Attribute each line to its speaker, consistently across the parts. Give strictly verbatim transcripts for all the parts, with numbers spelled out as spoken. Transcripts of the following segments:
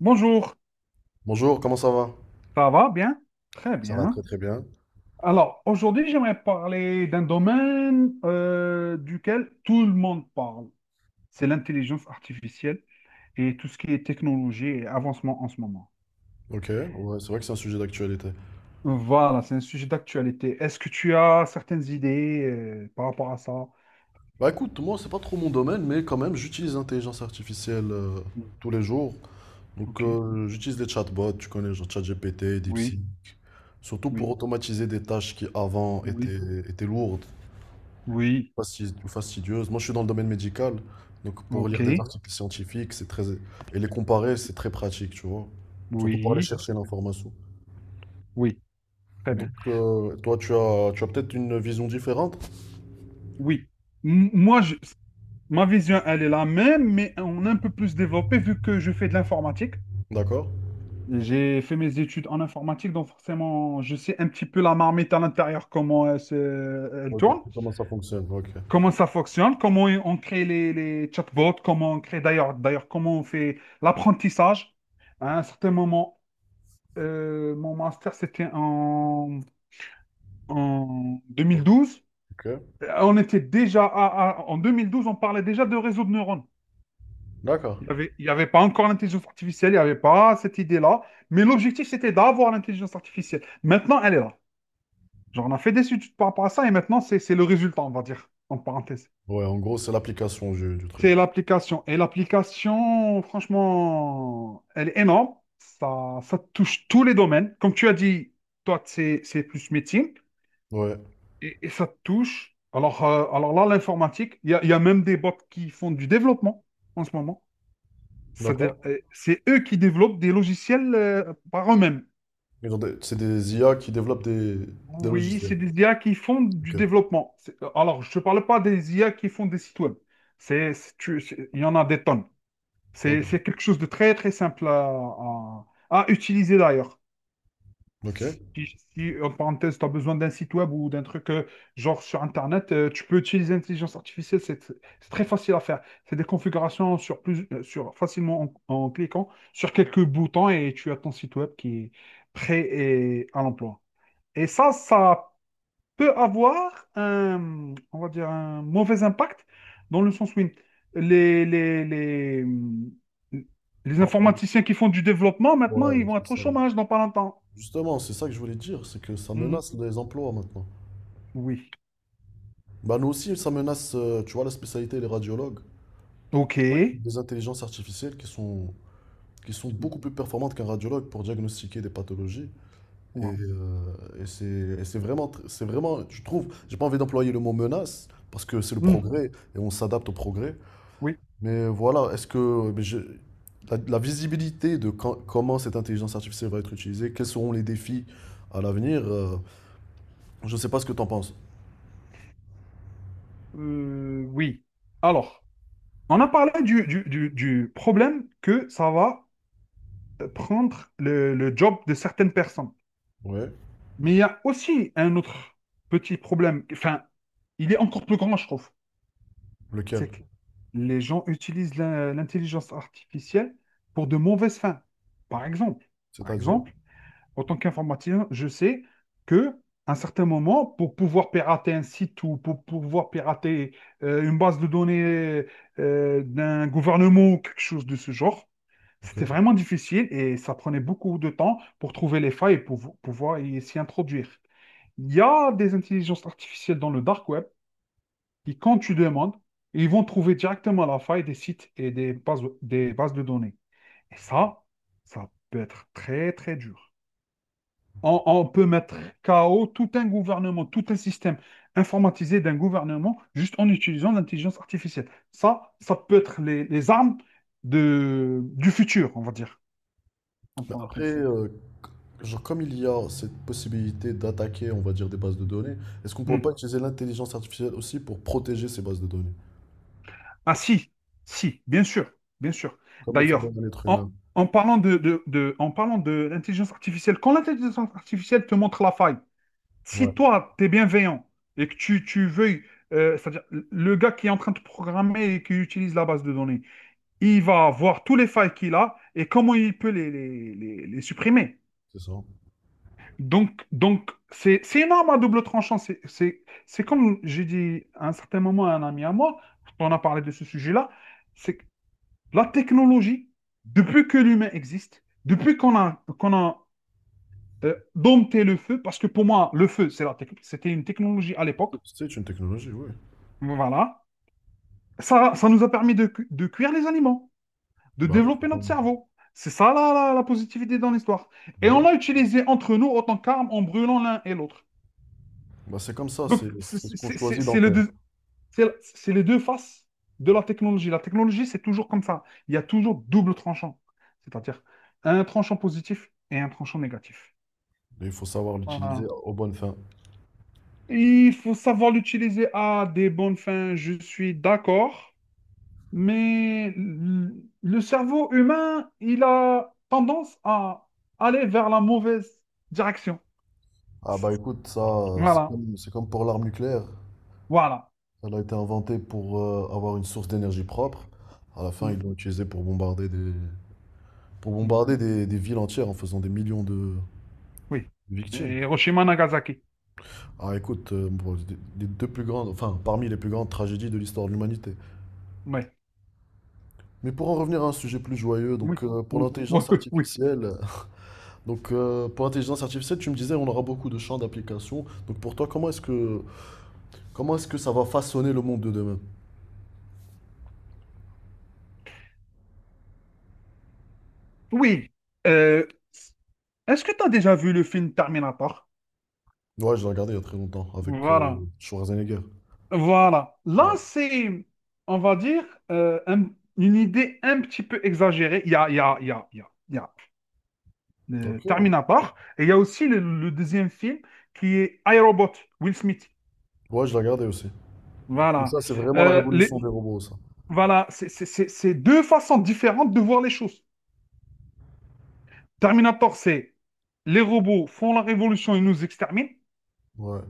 Speaker 1: Bonjour,
Speaker 2: Bonjour, comment ça va?
Speaker 1: ça va bien? Très
Speaker 2: Ça va très
Speaker 1: bien.
Speaker 2: très bien.
Speaker 1: Alors, aujourd'hui, j'aimerais parler d'un domaine euh, duquel tout le monde parle. C'est l'intelligence artificielle et tout ce qui est technologie et avancement en ce moment.
Speaker 2: Ok, ouais, c'est vrai que c'est un sujet d'actualité.
Speaker 1: Voilà, c'est un sujet d'actualité. Est-ce que tu as certaines idées euh, par rapport à ça?
Speaker 2: Bah écoute, moi c'est pas trop mon domaine, mais quand même j'utilise l'intelligence artificielle euh,
Speaker 1: Oui.
Speaker 2: tous les jours. Donc
Speaker 1: Ok.
Speaker 2: euh, j'utilise les chatbots, tu connais, genre ChatGPT, DeepSeek,
Speaker 1: Oui,
Speaker 2: surtout pour
Speaker 1: oui,
Speaker 2: automatiser des tâches qui avant
Speaker 1: oui,
Speaker 2: étaient, étaient lourdes
Speaker 1: oui.
Speaker 2: fasti- fastidieuses. Moi je suis dans le domaine médical, donc pour
Speaker 1: Ok.
Speaker 2: lire des articles scientifiques, c'est très... et les comparer, c'est très pratique, tu vois. Surtout pour aller
Speaker 1: Oui,
Speaker 2: chercher l'information.
Speaker 1: oui. Très
Speaker 2: Donc
Speaker 1: bien.
Speaker 2: euh, toi tu as, tu as peut-être une vision différente?
Speaker 1: Oui. M- moi, je- ma vision, elle est la même, mais on a un peu plus développé vu que je fais de l'informatique.
Speaker 2: D'accord.
Speaker 1: J'ai fait mes études en informatique, donc forcément, je sais un petit peu la marmite à l'intérieur, comment elle, se- elle
Speaker 2: Ok,
Speaker 1: tourne,
Speaker 2: c'est comment ça fonctionne. Ok.
Speaker 1: comment ça fonctionne, comment on crée les, les chatbots, comment on crée d'ailleurs, d'ailleurs, comment on fait l'apprentissage. À un certain moment, euh, mon master, c'était en en deux mille douze.
Speaker 2: Ok.
Speaker 1: On était déjà à- à- en deux mille douze, on parlait déjà de réseau de neurones.
Speaker 2: D'accord.
Speaker 1: Il n'y avait, il y avait pas encore l'intelligence artificielle, il n'y avait pas cette idée-là. Mais l'objectif, c'était d'avoir l'intelligence artificielle. Maintenant, elle est là. Genre, on a fait des études par rapport à ça et maintenant, c'est c'est le résultat, on va dire, en parenthèse.
Speaker 2: Ouais, en gros, c'est l'application du, du truc.
Speaker 1: C'est l'application. Et l'application, franchement, elle est énorme. Ça, ça touche tous les domaines. Comme tu as dit, toi, c'est c'est plus métier
Speaker 2: Ouais.
Speaker 1: et, et ça touche. Alors, euh, alors là, l'informatique, il y a, il y a même des bots qui font du développement en ce moment. C'est-à-dire,
Speaker 2: D'accord.
Speaker 1: euh, c'est eux qui développent des logiciels euh, par eux-mêmes.
Speaker 2: Ils ont des- C'est des I A qui développent des, des
Speaker 1: Oui,
Speaker 2: logiciels.
Speaker 1: c'est des I A qui font du
Speaker 2: Ok.
Speaker 1: développement. C'est- euh, Alors, je ne parle pas des I A qui font des sites web. C'est, c'est- tu- c'est- il y en a des tonnes.
Speaker 2: Ok.
Speaker 1: C'est c'est quelque chose de très, très simple à, à- à utiliser d'ailleurs.
Speaker 2: Ok.
Speaker 1: Si, si, en parenthèse, tu as besoin d'un site web ou d'un truc euh, genre sur Internet, euh, tu peux utiliser l'intelligence artificielle, c'est c'est très facile à faire. C'est des configurations sur plus, euh, sur, facilement en, en cliquant sur quelques boutons et tu as ton site web qui est prêt et à l'emploi. Et ça, ça peut avoir un, on va dire, un mauvais impact dans le sens où les, les, les, les
Speaker 2: Par rapport-
Speaker 1: informaticiens qui font du développement, maintenant,
Speaker 2: Ouais,
Speaker 1: ils vont
Speaker 2: c'est
Speaker 1: être au
Speaker 2: ça.
Speaker 1: chômage dans pas longtemps.
Speaker 2: Justement, c'est ça que je voulais dire, c'est que ça
Speaker 1: Mhm.
Speaker 2: menace les emplois maintenant.
Speaker 1: Oui.
Speaker 2: Bah nous aussi, ça menace, euh, tu vois, la spécialité, les radiologues.
Speaker 1: Ok.
Speaker 2: Ouais. Des intelligences artificielles qui sont, qui sont beaucoup plus performantes qu'un radiologue pour diagnostiquer des pathologies. Et,
Speaker 1: Wow.
Speaker 2: euh, et c'est et c'est vraiment, tr- c'est vraiment, je trouve, j'ai pas envie d'employer le mot menace parce que c'est le
Speaker 1: Hmm.
Speaker 2: progrès et on s'adapte au progrès.
Speaker 1: Oui.
Speaker 2: Mais voilà, est-ce que mais je- la, la visibilité de quand- comment cette intelligence artificielle va être utilisée, quels seront les défis à l'avenir, euh, je sais pas ce que tu en penses.
Speaker 1: Euh, oui. Alors, on a parlé du, du- du- du problème que ça va prendre le, le job de certaines personnes.
Speaker 2: Ouais,
Speaker 1: Mais il y a aussi un autre petit problème. Enfin, il est encore plus grand, je trouve.
Speaker 2: lequel?
Speaker 1: C'est que les gens utilisent la- l'intelligence artificielle pour de mauvaises fins. Par exemple, par
Speaker 2: C'est-à-dire?
Speaker 1: exemple, en tant qu'informaticien, je sais que à un certain moment, pour pouvoir pirater un site ou pour pouvoir pirater euh, une base de données euh, d'un gouvernement ou quelque chose de ce genre,
Speaker 2: Ok.
Speaker 1: c'était vraiment difficile et ça prenait beaucoup de temps pour trouver les failles et pour pouvoir y- s'y introduire. Il y a des intelligences artificielles dans le dark web qui, quand tu demandes, ils vont trouver directement la faille des sites et des bases, des bases de données. Et ça, ça peut être très, très dur. On, on peut mettre K O tout un gouvernement, tout un système informatisé d'un gouvernement juste en utilisant l'intelligence artificielle. Ça, ça peut être les, les armes de, du futur, on va dire, en
Speaker 2: Après,
Speaker 1: parenthèse.
Speaker 2: euh, genre, comme il y a cette possibilité d'attaquer, on va dire, des bases de données, est-ce qu'on
Speaker 1: Hmm.
Speaker 2: pourrait pas utiliser l'intelligence artificielle aussi pour protéger ces bases de données,
Speaker 1: Ah si, si, bien sûr, bien sûr.
Speaker 2: comme le fait bien
Speaker 1: D'ailleurs,
Speaker 2: l'être
Speaker 1: en,
Speaker 2: humain?
Speaker 1: en parlant de, de- de- en parlant de l'intelligence artificielle, quand l'intelligence artificielle te montre la faille,
Speaker 2: Ouais.
Speaker 1: si toi, tu es bienveillant et que tu, tu veuilles, euh, c'est-à-dire le gars qui est en train de programmer et qui utilise la base de données, il va voir tous les failles qu'il a et comment il peut les, les, les- les supprimer.
Speaker 2: C'est ça.
Speaker 1: Donc, donc c'est, c'est une arme à double tranchant. C'est, c'est, c'est comme j'ai dit à un certain moment à un ami à moi, quand on a parlé de ce sujet-là, c'est que la technologie, depuis que l'humain existe, depuis qu'on a, qu'on a euh, dompté le feu, parce que pour moi, le feu, c'est la tec- c'était une technologie à l'époque,
Speaker 2: C'est une technologie, oui.
Speaker 1: voilà, ça, ça nous a permis de, cu- de cuire les aliments. De
Speaker 2: Bah oui, faut
Speaker 1: développer
Speaker 2: pas-
Speaker 1: notre cerveau. C'est ça la, la- la positivité dans l'histoire.
Speaker 2: Bah
Speaker 1: Et on
Speaker 2: oui.
Speaker 1: l'a utilisé entre nous autant qu'arme en brûlant l'un et l'autre.
Speaker 2: Bah c'est comme ça,
Speaker 1: Donc,
Speaker 2: c'est
Speaker 1: c'est
Speaker 2: c'est ce qu'on
Speaker 1: c'est- c'est-
Speaker 2: choisit d'en
Speaker 1: c'est les
Speaker 2: faire.
Speaker 1: deux, c'est- c'est les deux faces de la technologie. La technologie, c'est toujours comme ça. Il y a toujours double tranchant. C'est-à-dire un tranchant positif et un tranchant négatif.
Speaker 2: Et il faut savoir l'utiliser
Speaker 1: Voilà.
Speaker 2: aux bonnes fins.
Speaker 1: Il faut savoir l'utiliser à des bonnes fins. Je suis d'accord. Mais l- le cerveau humain, il a tendance à aller vers la mauvaise direction.
Speaker 2: Ah bah écoute, ça, c'est
Speaker 1: Voilà,
Speaker 2: comme, c'est comme pour l'arme nucléaire.
Speaker 1: voilà.
Speaker 2: Elle a été inventée pour euh, avoir une source d'énergie propre. À la fin, ils
Speaker 1: Mm,
Speaker 2: l'ont utilisée pour bombarder des, pour bombarder
Speaker 1: mhm,
Speaker 2: des, des villes entières en faisant des millions de
Speaker 1: oui.
Speaker 2: victimes.
Speaker 1: Et Hiroshima, Nagasaki.
Speaker 2: Ah écoute, euh, bon, c'est des- les deux plus grandes, enfin parmi les plus grandes tragédies de l'histoire de l'humanité.
Speaker 1: Ouais.
Speaker 2: Mais pour en revenir à un sujet plus joyeux,
Speaker 1: Oui,
Speaker 2: donc euh, pour
Speaker 1: oui, oui,
Speaker 2: l'intelligence
Speaker 1: oui, oui.
Speaker 2: artificielle. Donc euh, pour l'intelligence artificielle, tu me disais on aura beaucoup de champs d'application. Donc pour toi, comment est-ce que comment est-ce que ça va façonner le monde de demain?
Speaker 1: Oui. Euh, est-ce que tu as déjà vu le film Terminator?
Speaker 2: Ouais, je l'ai regardé il y a très longtemps avec
Speaker 1: Voilà,
Speaker 2: euh, Schwarzenegger.
Speaker 1: voilà. Là,
Speaker 2: Ouais.
Speaker 1: c'est, on va dire, euh, un- une idée un petit peu exagérée. Il y a, il y a, il y a, il y a, il y a euh,
Speaker 2: Ok.
Speaker 1: Terminator. Et il y a aussi le, le deuxième film qui est iRobot, Will Smith.
Speaker 2: Ouais, je l'ai regardé aussi. Mais
Speaker 1: Voilà.
Speaker 2: ça, c'est vraiment la
Speaker 1: Euh,
Speaker 2: révolution des
Speaker 1: les-
Speaker 2: robots, ça.
Speaker 1: voilà, c'est c'est- c'est- c'est deux façons différentes de voir les choses. Terminator, c'est les robots font la révolution, ils nous exterminent.
Speaker 2: Ouais.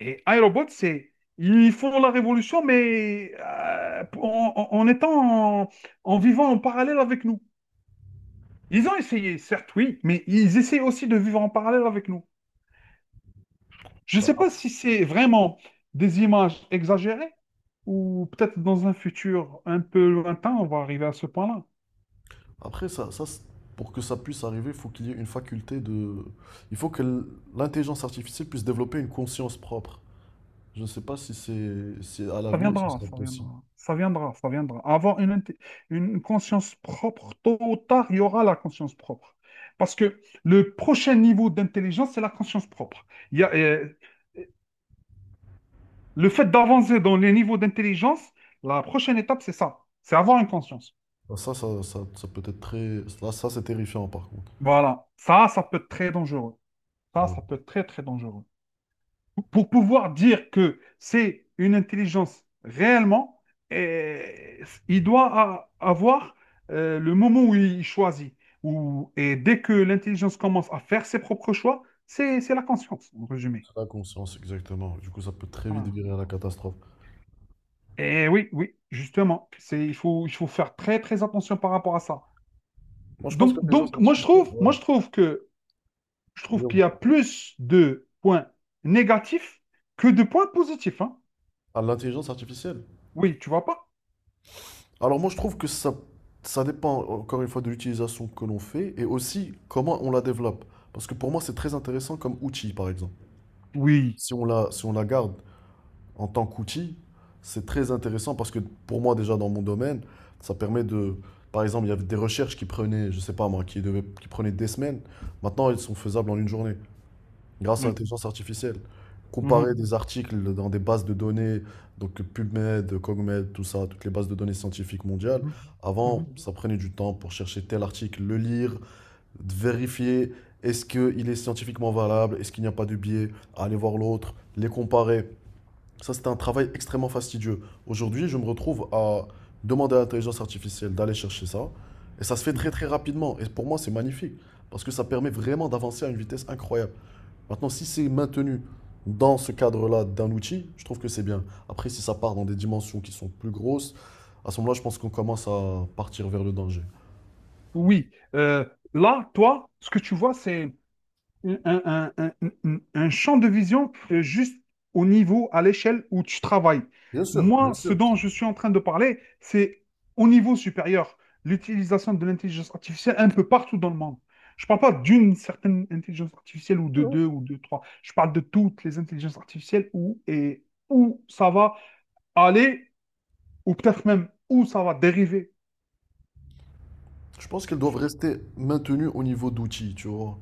Speaker 1: Et iRobot, c'est ils font la révolution, mais euh, en, en- en étant en, en vivant en parallèle avec nous. Ils ont essayé, certes, oui, mais ils essayent aussi de vivre en parallèle avec nous. Je ne sais
Speaker 2: Bah,
Speaker 1: pas si c'est vraiment des images exagérées ou peut-être dans un futur un peu lointain, on va arriver à ce point-là.
Speaker 2: après, ça, ça, c'est- Pour que ça puisse arriver, il faut qu'il y ait une faculté de... Il faut que l- L'intelligence artificielle puisse développer une conscience propre. Je ne sais pas si c'est, si à
Speaker 1: Ça
Speaker 2: l'avenir ce
Speaker 1: viendra,
Speaker 2: sera
Speaker 1: ça
Speaker 2: possible.
Speaker 1: viendra, ça viendra, ça viendra. Avoir une, inté- une conscience propre, tôt ou tard, il y aura la conscience propre. Parce que le prochain niveau d'intelligence, c'est la conscience propre. Il y a, euh, le fait d'avancer dans les niveaux d'intelligence, la prochaine étape, c'est ça. C'est avoir une conscience.
Speaker 2: Ah, Ça, ça, ça, ça peut être très... Là, ça, c'est terrifiant, par contre.
Speaker 1: Voilà. Ça, ça peut être très dangereux. Ça,
Speaker 2: Ouais.
Speaker 1: ça peut être très, très dangereux. Pour pouvoir dire que c'est une intelligence réellement, et il doit a- avoir euh, le moment où il choisit. Où- et dès que l'intelligence commence à faire ses propres choix, c'est c'est la conscience, en résumé.
Speaker 2: La conscience, exactement. Du coup, ça peut très vite
Speaker 1: Voilà.
Speaker 2: virer à la catastrophe.
Speaker 1: Et oui, oui, justement, c'est, il faut, il faut faire très, très attention par rapport à ça.
Speaker 2: Moi, je pense
Speaker 1: Donc,
Speaker 2: que l'intelligence
Speaker 1: donc moi, je
Speaker 2: artificielle,
Speaker 1: trouve,
Speaker 2: ouais,
Speaker 1: moi, je trouve que, je trouve qu'il y a
Speaker 2: zéro.
Speaker 1: plus de points négatifs que de points positifs, hein.
Speaker 2: À l'intelligence artificielle.
Speaker 1: Oui, tu vois pas?
Speaker 2: Alors, moi, je trouve que ça, ça dépend, encore une fois, de l'utilisation que l'on fait et aussi comment on la développe. Parce que pour moi, c'est très intéressant comme outil, par exemple.
Speaker 1: Oui.
Speaker 2: Si on la, si on la garde en tant qu'outil, c'est très intéressant parce que pour moi, déjà, dans mon domaine, ça permet de. Par exemple, il y avait des recherches qui prenaient, je sais pas moi, qui devaient- qui prenaient des semaines. Maintenant, elles sont faisables en une journée grâce à
Speaker 1: Oui.
Speaker 2: l'intelligence artificielle.
Speaker 1: Mhm.
Speaker 2: Comparer des articles dans des bases de données, donc PubMed, CogMed, tout ça, toutes les bases de données scientifiques mondiales.
Speaker 1: Mhm,
Speaker 2: Avant,
Speaker 1: mhm,
Speaker 2: ça prenait du temps pour chercher tel article, le lire, vérifier est-ce qu'il est scientifiquement valable, est-ce qu'il n'y a pas de biais, aller voir l'autre, les comparer. Ça, c'était un travail extrêmement fastidieux. Aujourd'hui, je me retrouve à demander à l'intelligence artificielle d'aller chercher ça, et ça se fait très
Speaker 1: mhm.
Speaker 2: très rapidement. Et pour moi, c'est magnifique, parce que ça permet vraiment d'avancer à une vitesse incroyable. Maintenant, si c'est maintenu dans ce cadre-là d'un outil, je trouve que c'est bien. Après, si ça part dans des dimensions qui sont plus grosses, à ce moment-là, je pense qu'on commence à partir vers le danger.
Speaker 1: Oui, euh, là, toi, ce que tu vois, c'est un, un- un- un- un champ de vision euh, juste au niveau, à l'échelle où tu travailles.
Speaker 2: Bien sûr, bien
Speaker 1: Moi, ce
Speaker 2: sûr.
Speaker 1: dont je suis en train de parler, c'est au niveau supérieur, l'utilisation de l'intelligence artificielle un peu partout dans le monde. Je ne parle pas d'une certaine intelligence artificielle ou de deux ou de trois. Je parle de toutes les intelligences artificielles où et où ça va aller ou peut-être même où ça va dériver.
Speaker 2: Je pense qu'elles doivent rester maintenues au niveau d'outils, tu vois.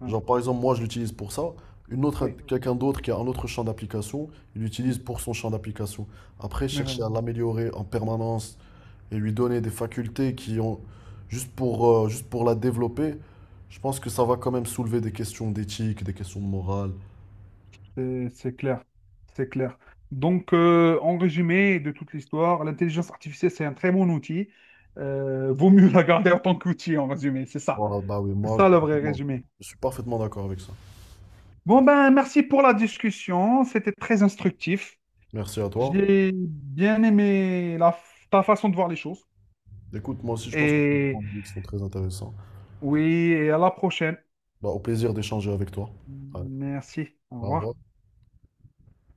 Speaker 1: Ouais,
Speaker 2: Genre, par exemple, moi, je l'utilise pour ça. Une autre,
Speaker 1: oui.
Speaker 2: quelqu'un d'autre qui a un autre champ d'application, il l'utilise
Speaker 1: Mm.
Speaker 2: pour son champ d'application. Après,
Speaker 1: Mais voilà.
Speaker 2: chercher à l'améliorer en permanence et lui donner des facultés qui ont juste pour, euh, juste pour la développer, je pense que ça va quand même soulever des questions d'éthique, des questions de morale.
Speaker 1: C'est c'est clair, c'est clair. Donc, euh, en résumé de toute l'histoire, l'intelligence artificielle, c'est un très bon outil. Euh, vaut mieux la garder en tant qu'outil, en résumé, c'est ça.
Speaker 2: Voilà, bah oui,
Speaker 1: C'est
Speaker 2: moi, je,
Speaker 1: ça
Speaker 2: suis
Speaker 1: le vrai
Speaker 2: complètement-
Speaker 1: résumé.
Speaker 2: je suis parfaitement d'accord avec ça.
Speaker 1: Bon, ben, merci pour la discussion. C'était très instructif.
Speaker 2: Merci à toi.
Speaker 1: J'ai bien aimé la, ta façon de voir les choses.
Speaker 2: Écoute, moi aussi, je pense que tu as des
Speaker 1: Et
Speaker 2: points de vue qui sont très intéressants.
Speaker 1: oui, et à la prochaine.
Speaker 2: Bah, au plaisir d'échanger avec toi. Allez,
Speaker 1: Merci. Au
Speaker 2: au revoir.
Speaker 1: revoir.